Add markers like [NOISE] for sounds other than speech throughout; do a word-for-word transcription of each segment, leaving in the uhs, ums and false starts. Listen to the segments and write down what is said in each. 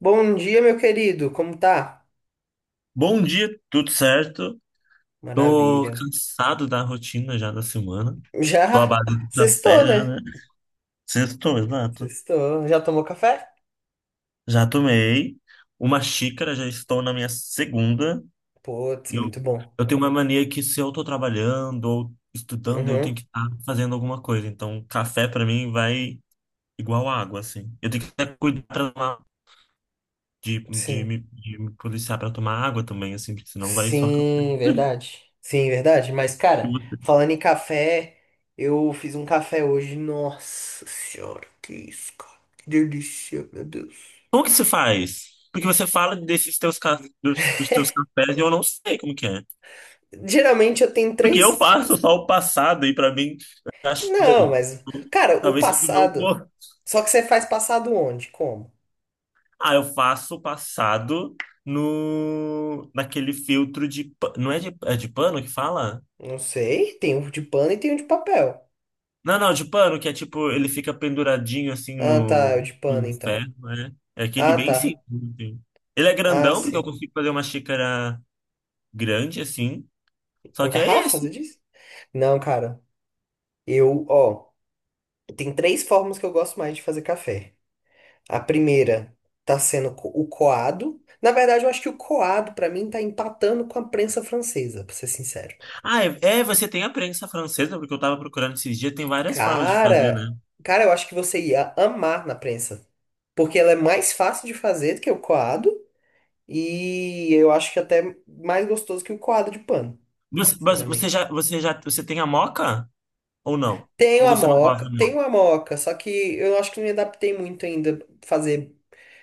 Bom dia, meu querido. Como tá? Bom dia, tudo certo? Tô Maravilha. cansado da rotina já da semana. Tô à Já base de sextou, café já, né? né? Sextou, exato. Sextou. Já tomou café? Já tomei uma xícara, já estou na minha segunda. Putz, E eu, muito bom. eu tenho uma mania que se eu tô trabalhando ou estudando, eu tenho Uhum. que estar fazendo alguma coisa. Então, café pra mim vai igual água, assim. Eu tenho que até cuidar pra tomar, de, de, Sim. me, de me policiar pra tomar água também, assim, porque senão vai só Sim, café. verdade. Sim, verdade. Mas, cara, falando em café, eu fiz um café hoje. Nossa senhora, que isso, cara. Que delícia, meu Deus. Como que se faz? Porque você fala desses teus, ca- dos, dos teus cafés e eu não sei como que é. Geralmente eu tenho Porque eu três. faço só o passado e pra mim eu acho Não, bom. mas. Cara, o Talvez seja o meu passado. gosto. Só que você faz passado onde? Como? Ah, eu faço o passado no naquele filtro de pa- não é de, é de pano que fala? Não sei. Tem um de pano e tem um de papel. Não, não, de pano que é tipo ele fica penduradinho assim Ah, tá, é o no, de pano, no então. ferro, né? É aquele Ah, bem tá. simples assim. Ele é Ah, grandão porque eu sim. consigo fazer uma xícara grande assim. Só Uma que é garrafa, você esse. disse? Não, cara. Eu, ó, tem três formas que eu gosto mais de fazer café. A primeira tá sendo co- o coado. Na verdade, eu acho que o coado, pra mim, tá empatando com a prensa francesa, pra ser sincero. Ah, é, é, você tem a prensa francesa, porque eu tava procurando esses dias, tem várias formas de fazer, né? Cara, cara, eu acho que você ia amar na prensa. Porque ela é mais fácil de fazer do que o coado. E eu acho que até mais gostoso que o coado de pano, Mas, mas você sinceramente. já, você já, você tem a moca ou não? Ou Tenho a você não gosta moca, da moca? tenho a moca, só que eu acho que não me adaptei muito ainda a fazer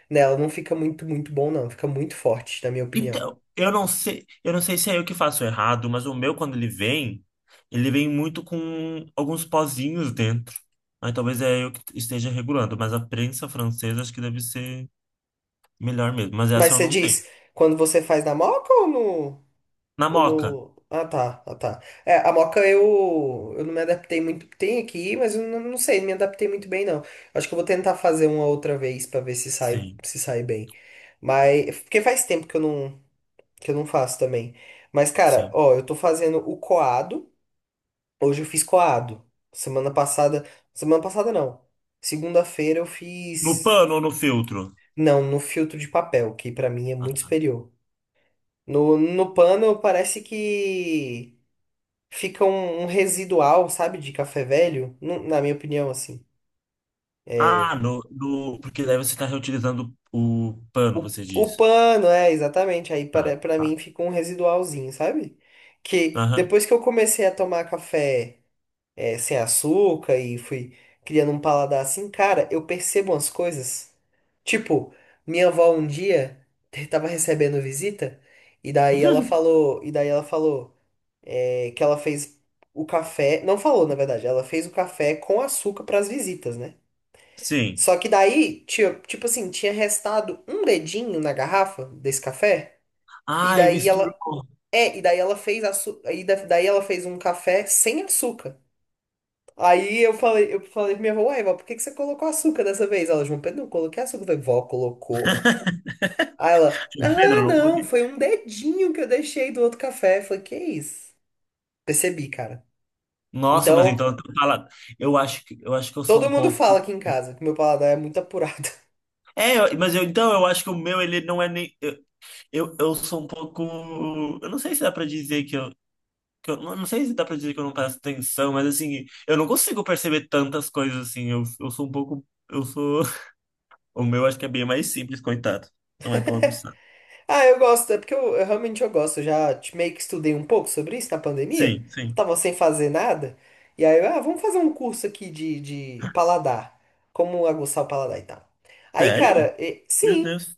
nela. Não fica muito, muito bom, não. Fica muito forte, na minha opinião. Então, eu não sei, eu não sei se é eu que faço errado, mas o meu quando ele vem, ele vem muito com alguns pozinhos dentro. Aí talvez é eu que esteja regulando, mas a prensa francesa acho que deve ser melhor mesmo, mas Mas essa eu você não tenho. diz, quando você faz na moca ou no, Na ou moca? no... Ah, tá, ah, tá. É, a moca eu, eu não me adaptei muito. Tem aqui, mas eu não, não sei, não me adaptei muito bem, não. Acho que eu vou tentar fazer uma outra vez pra ver se sai, Sim, se sai bem. Mas, porque faz tempo que eu não, que eu não faço também. Mas, cara, sim. ó, eu tô fazendo o coado. Hoje eu fiz coado. Semana passada. Semana passada não. Segunda-feira eu No fiz. pano ou no filtro? Não, no filtro de papel, que pra mim é muito Ah, superior. No, no pano parece que fica um, um residual, sabe, de café velho. nu- Na minha opinião, assim. ah, no, no, porque daí você está reutilizando o pano, O, você o diz. pano, é, exatamente. Aí Ah, para, para tá. mim fica um residualzinho, sabe? Que Aham. depois que eu comecei a tomar café, é, sem açúcar e fui criando um paladar assim, cara, eu percebo umas coisas. Tipo, minha avó um dia [LAUGHS] tava recebendo visita e daí ela [LAUGHS] falou, e daí ela falou é, que ela fez o café, não falou, na verdade, ela fez o café com açúcar pras visitas, né? Sim. Só que daí, tio, tipo assim, tinha restado um dedinho na garrafa desse café, e Ai, daí ela, misturou. é, e daí ela fez açu, e da- daí ela fez um café sem açúcar. Aí eu falei, eu falei pra minha avó, uai, vó, por que que você colocou açúcar dessa vez? Ela, João Pedro, não coloquei açúcar. Eu falei, vó, colocou. Aí ela, ah, Pedro, não não, consegui. foi um dedinho que eu deixei do outro café. Eu falei, que é isso? Percebi, cara. Nossa, mas então Então, eu tô falando. Eu acho que eu acho que eu sou todo um mundo pouco. fala aqui em casa que meu paladar é muito apurado. [LAUGHS] É, eu- mas eu, então eu acho que o meu ele não é nem eu, eu, eu sou um pouco. Eu não sei se dá pra dizer que eu, que eu não não sei se dá pra dizer que eu não presto atenção, mas assim eu não consigo perceber tantas coisas assim. Eu, eu sou um pouco. Eu sou. [LAUGHS] O meu acho que é bem mais simples, coitado. Não é tão aguçado. Ah, eu gosto, é porque eu, eu realmente eu gosto. Eu já te- meio que estudei um pouco sobre isso na pandemia. Sim, sim. Tava sem fazer nada. E aí, eu, ah, vamos fazer um curso aqui de, de paladar. Como aguçar o paladar e tal. Aí, Sério? cara, e- Meu sim. Deus,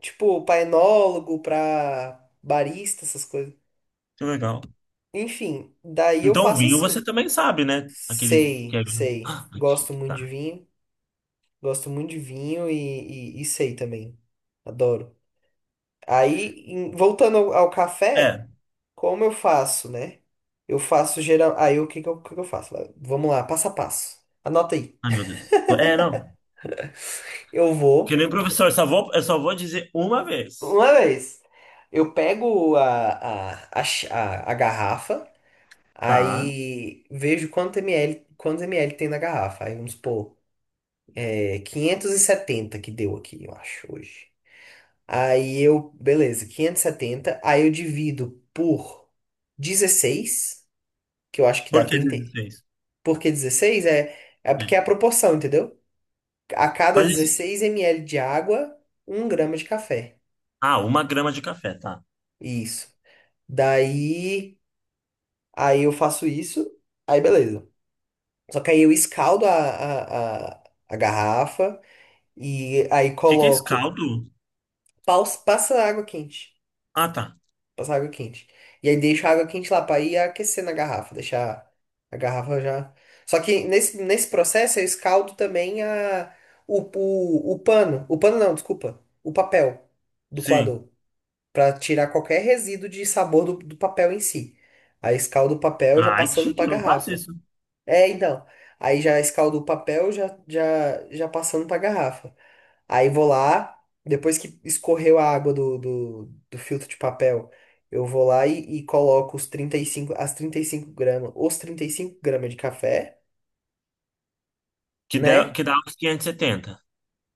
Tipo, pra enólogo, pra barista, essas coisas. que legal. Enfim, daí eu Então, faço vinho você assim. também sabe, né? Aqueles que Sei, é vinho. sei. Ah, Gosto chique, muito de tá. vinho. Gosto muito de vinho e, e, e sei também. Adoro. Aí, em- voltando ao, ao É. café, como eu faço, né? Eu faço geral. Aí, o que que eu, o que que eu faço? Vamos lá, passo a passo. Anota aí. Ai, meu Deus. É, não. Eu Que vou, nem professor, só vou, eu só vou dizer uma vez, uma vez, eu pego a, a, a, ch- a a garrafa. tá? Aí vejo quanto ml, quantos ml tem na garrafa. Aí vamos supor, é quinhentos e setenta que deu aqui, eu acho, hoje. Aí eu, beleza, quinhentos e setenta. Aí eu divido por dezesseis, que eu acho que dá Por que trinta. dezesseis? Por que dezesseis? É, é porque É. é a proporção, entendeu? A cada Mas esse... dezesseis ml de água, um grama de café. Ah, uma grama de café, tá. O Isso. Daí, aí eu faço isso, aí beleza. Só que aí eu escaldo a, a, a a garrafa. E aí que que é isso? coloco. Caldo? paus- Passa água quente. Ah, tá. Passa água quente. E aí deixo a água quente lá pra ir aquecer na garrafa. Deixar a garrafa já. Só que nesse, nesse processo eu escaldo também a, o, o, o pano. O pano não, desculpa. O papel do Sim. coador. Pra tirar qualquer resíduo de sabor do, do papel em si. Aí escaldo o papel já Ai, que passando chique, pra eu não faço garrafa. isso. É, então. Aí já escaldo o papel já, já, já passando pra garrafa. Aí vou lá, depois que escorreu a água do, do, do filtro de papel, eu vou lá e, e coloco os trinta e cinco as trinta e cinco gramas, os trinta e cinco gramas de café, Que dá, né? que dá os setenta.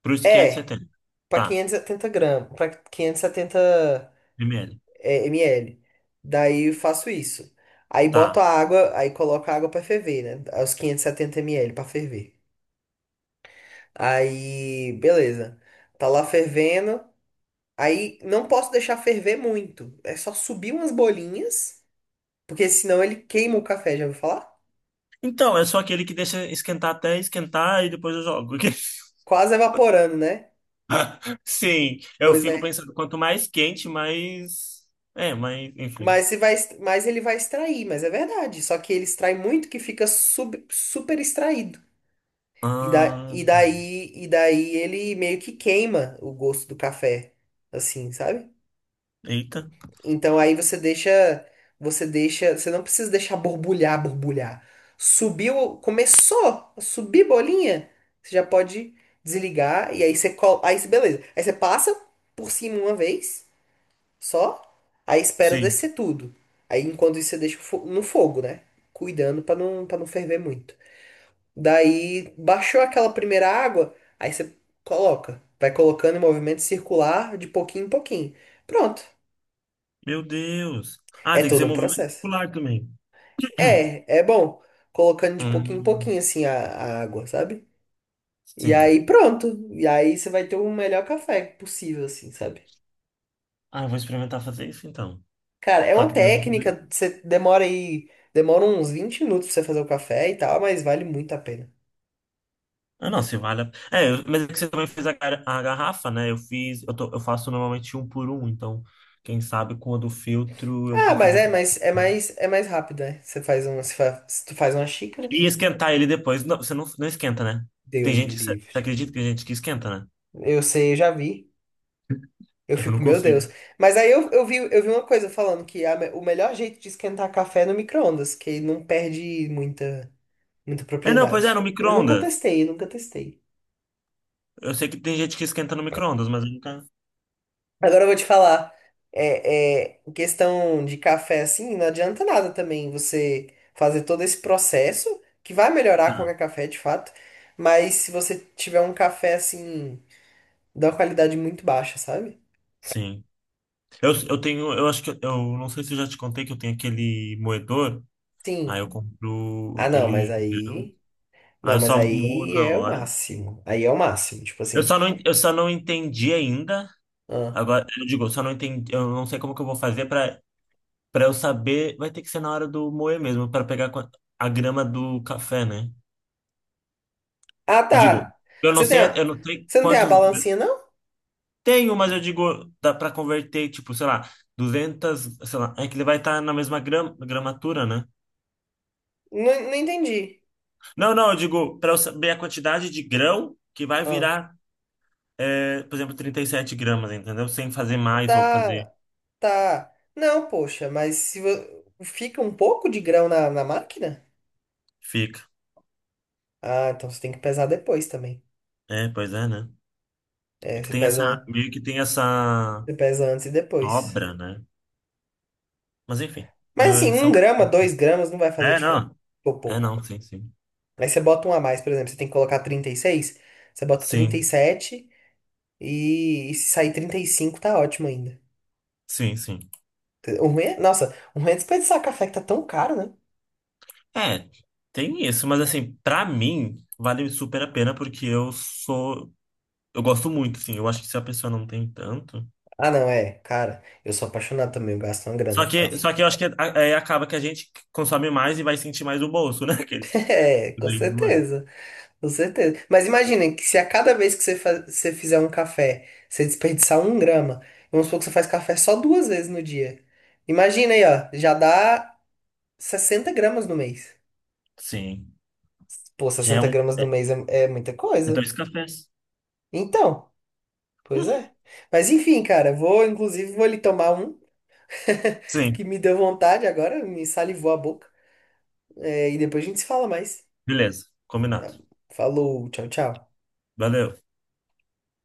Para os quinhentos e É, setenta. para Tá. quinhentos e setenta gramas, para quinhentos e setenta, Primeiro. é, ml. Daí eu faço isso. Aí boto a Tá. água, aí coloco a água para ferver, né? Os quinhentos e setenta ml para ferver. Aí, beleza. Tá lá fervendo. Aí não posso deixar ferver muito. É só subir umas bolinhas. Porque senão ele queima o café, já ouviu falar? Então, eu sou aquele que deixa esquentar até esquentar e depois eu jogo. [LAUGHS] Quase evaporando, né? Sim, eu Pois fico é. pensando, quanto mais quente, mais. É, mais. Enfim. Mas, se vai, est- mas ele vai extrair, mas é verdade. Só que ele extrai muito que fica sub- super extraído. E, da, Ah, e daí, e daí ele meio que queima o gosto do café, assim, sabe? eita. Então aí você deixa, você deixa, você não precisa deixar borbulhar, borbulhar. Subiu, começou a subir bolinha, você já pode desligar e aí você, col- aí você- beleza. Aí você passa por cima uma vez. Só aí espera Sim. descer tudo. Aí enquanto isso você deixa o fo- no fogo, né? Cuidando pra não para não ferver muito. Daí baixou aquela primeira água, aí você coloca, vai colocando em movimento circular de pouquinho em pouquinho. Pronto. Meu Deus. Ah, É tem que todo ser um movimento processo. circular também. [CLEARS THROAT] É, é bom colocando de pouquinho em Hum, pouquinho assim a, a água, sabe? E sim. aí pronto. E aí você vai ter o melhor café possível assim, sabe? Ah, eu vou experimentar fazer isso então. Cara, é Só uma que, daí eu vou fazer- técnica, você demora aí, demora uns vinte minutos pra você fazer o café e tal, mas vale muito a pena. ah, não, se vale. a- É, eu- mas é que você também fez a, gar- a garrafa, né? Eu fiz. Eu, tô- eu faço normalmente um por um, então. Quem sabe quando filtro eu Ah, mas consigo é, mas é fazer. mais é mais rápido, né? Você faz uma, você fa- se tu faz uma xícara, E esquentar ele depois. Não, você não, não esquenta, né? Tem Deus me gente. Você você livre. acredita que tem gente que esquenta, né? Eu sei, eu já vi. Eu Eu não fico, meu consigo. Deus. Mas aí eu, eu vi, eu vi uma coisa falando que a me- o melhor jeito de esquentar café é no micro-ondas, que não perde muita muita É, não, pois é, no propriedade. Eu nunca micro-ondas. testei, eu nunca testei. Eu sei que tem gente que esquenta no micro-ondas, mas eu nunca. Agora eu vou te falar. É, é, em questão de café, assim, não adianta nada também você fazer todo esse processo, que vai melhorar qualquer café, de fato, mas se você tiver um café, assim, da qualidade muito baixa, sabe? Sim. Eu, eu tenho. Eu acho que. Eu eu não sei se eu já te contei que eu tenho aquele moedor. Aí Sim. eu compro Ah, não, ele mas em grão. aí. Aí Não, eu mas só moo aí na é o hora. máximo. Aí é o máximo, tipo Eu assim. só não, en- eu só não entendi ainda. Ah, Agora, eu digo, eu só não entendi. Eu não sei como que eu vou fazer pra, pra eu saber. Vai ter que ser na hora do moer mesmo, pra pegar com a a grama do café, né? Ah, Eu digo, tá. eu não Você tem sei, a... eu não sei Você não tem a quantos balancinha, não? tenho, mas eu digo, dá para converter, tipo, sei lá, duzentas, sei lá, é que ele vai estar na mesma gram, gramatura, né? Não, não entendi. Não, não, eu digo, para eu saber a quantidade de grão que vai Ah, virar, é, por exemplo, trinta e sete gramas, entendeu? Sem fazer mais ou fazer, tá. Tá. Não, poxa, mas se vo- fica um pouco de grão na, na máquina? fica. Ah, então você tem que pesar depois também. É, pois é, né? É É, que você tem essa, pesa, meio que tem essa você pesa antes e depois. obra, né? Mas enfim, Mas é, assim, um são, grama, dois gramas não vai fazer é, diferença. não, Ficou é, pouco. não, sim, sim. Aí você bota um a mais, por exemplo, você tem que colocar trinta e seis, você bota trinta e, Sim, sete, e e se sair trinta e cinco tá ótimo ainda. sim, sim. O ruim é, nossa, o ruim é desperdiçar café que tá tão caro, né? É, tem isso, mas assim, pra mim, vale super a pena porque eu sou. Eu gosto muito, assim. Eu acho que se a pessoa não tem tanto. Ah, não, é, cara, eu sou apaixonado também, eu gasto uma grana Só com que, só café. que eu acho que é, é, acaba que a gente consome mais e vai sentir mais o bolso, né? [LAUGHS] [LAUGHS] Aqueles. É, com Leite do mãe. certeza. Com certeza. Mas imaginem que se a cada vez que você, fa- você fizer um café, você desperdiçar um grama, vamos supor que você faz café só duas vezes no dia. Imagina aí, ó, já dá sessenta gramas no mês. Sim. Pô, Já é sessenta um. gramas no É, mês é, é muita é coisa. dois cafés. Então, pois é. [LAUGHS] Mas enfim, cara, vou, inclusive, vou ali tomar um, [LAUGHS] Sim, que me deu vontade agora, me salivou a boca. É, e depois a gente se fala mais. beleza. Tá? Combinado. Falou, tchau, tchau. Valeu.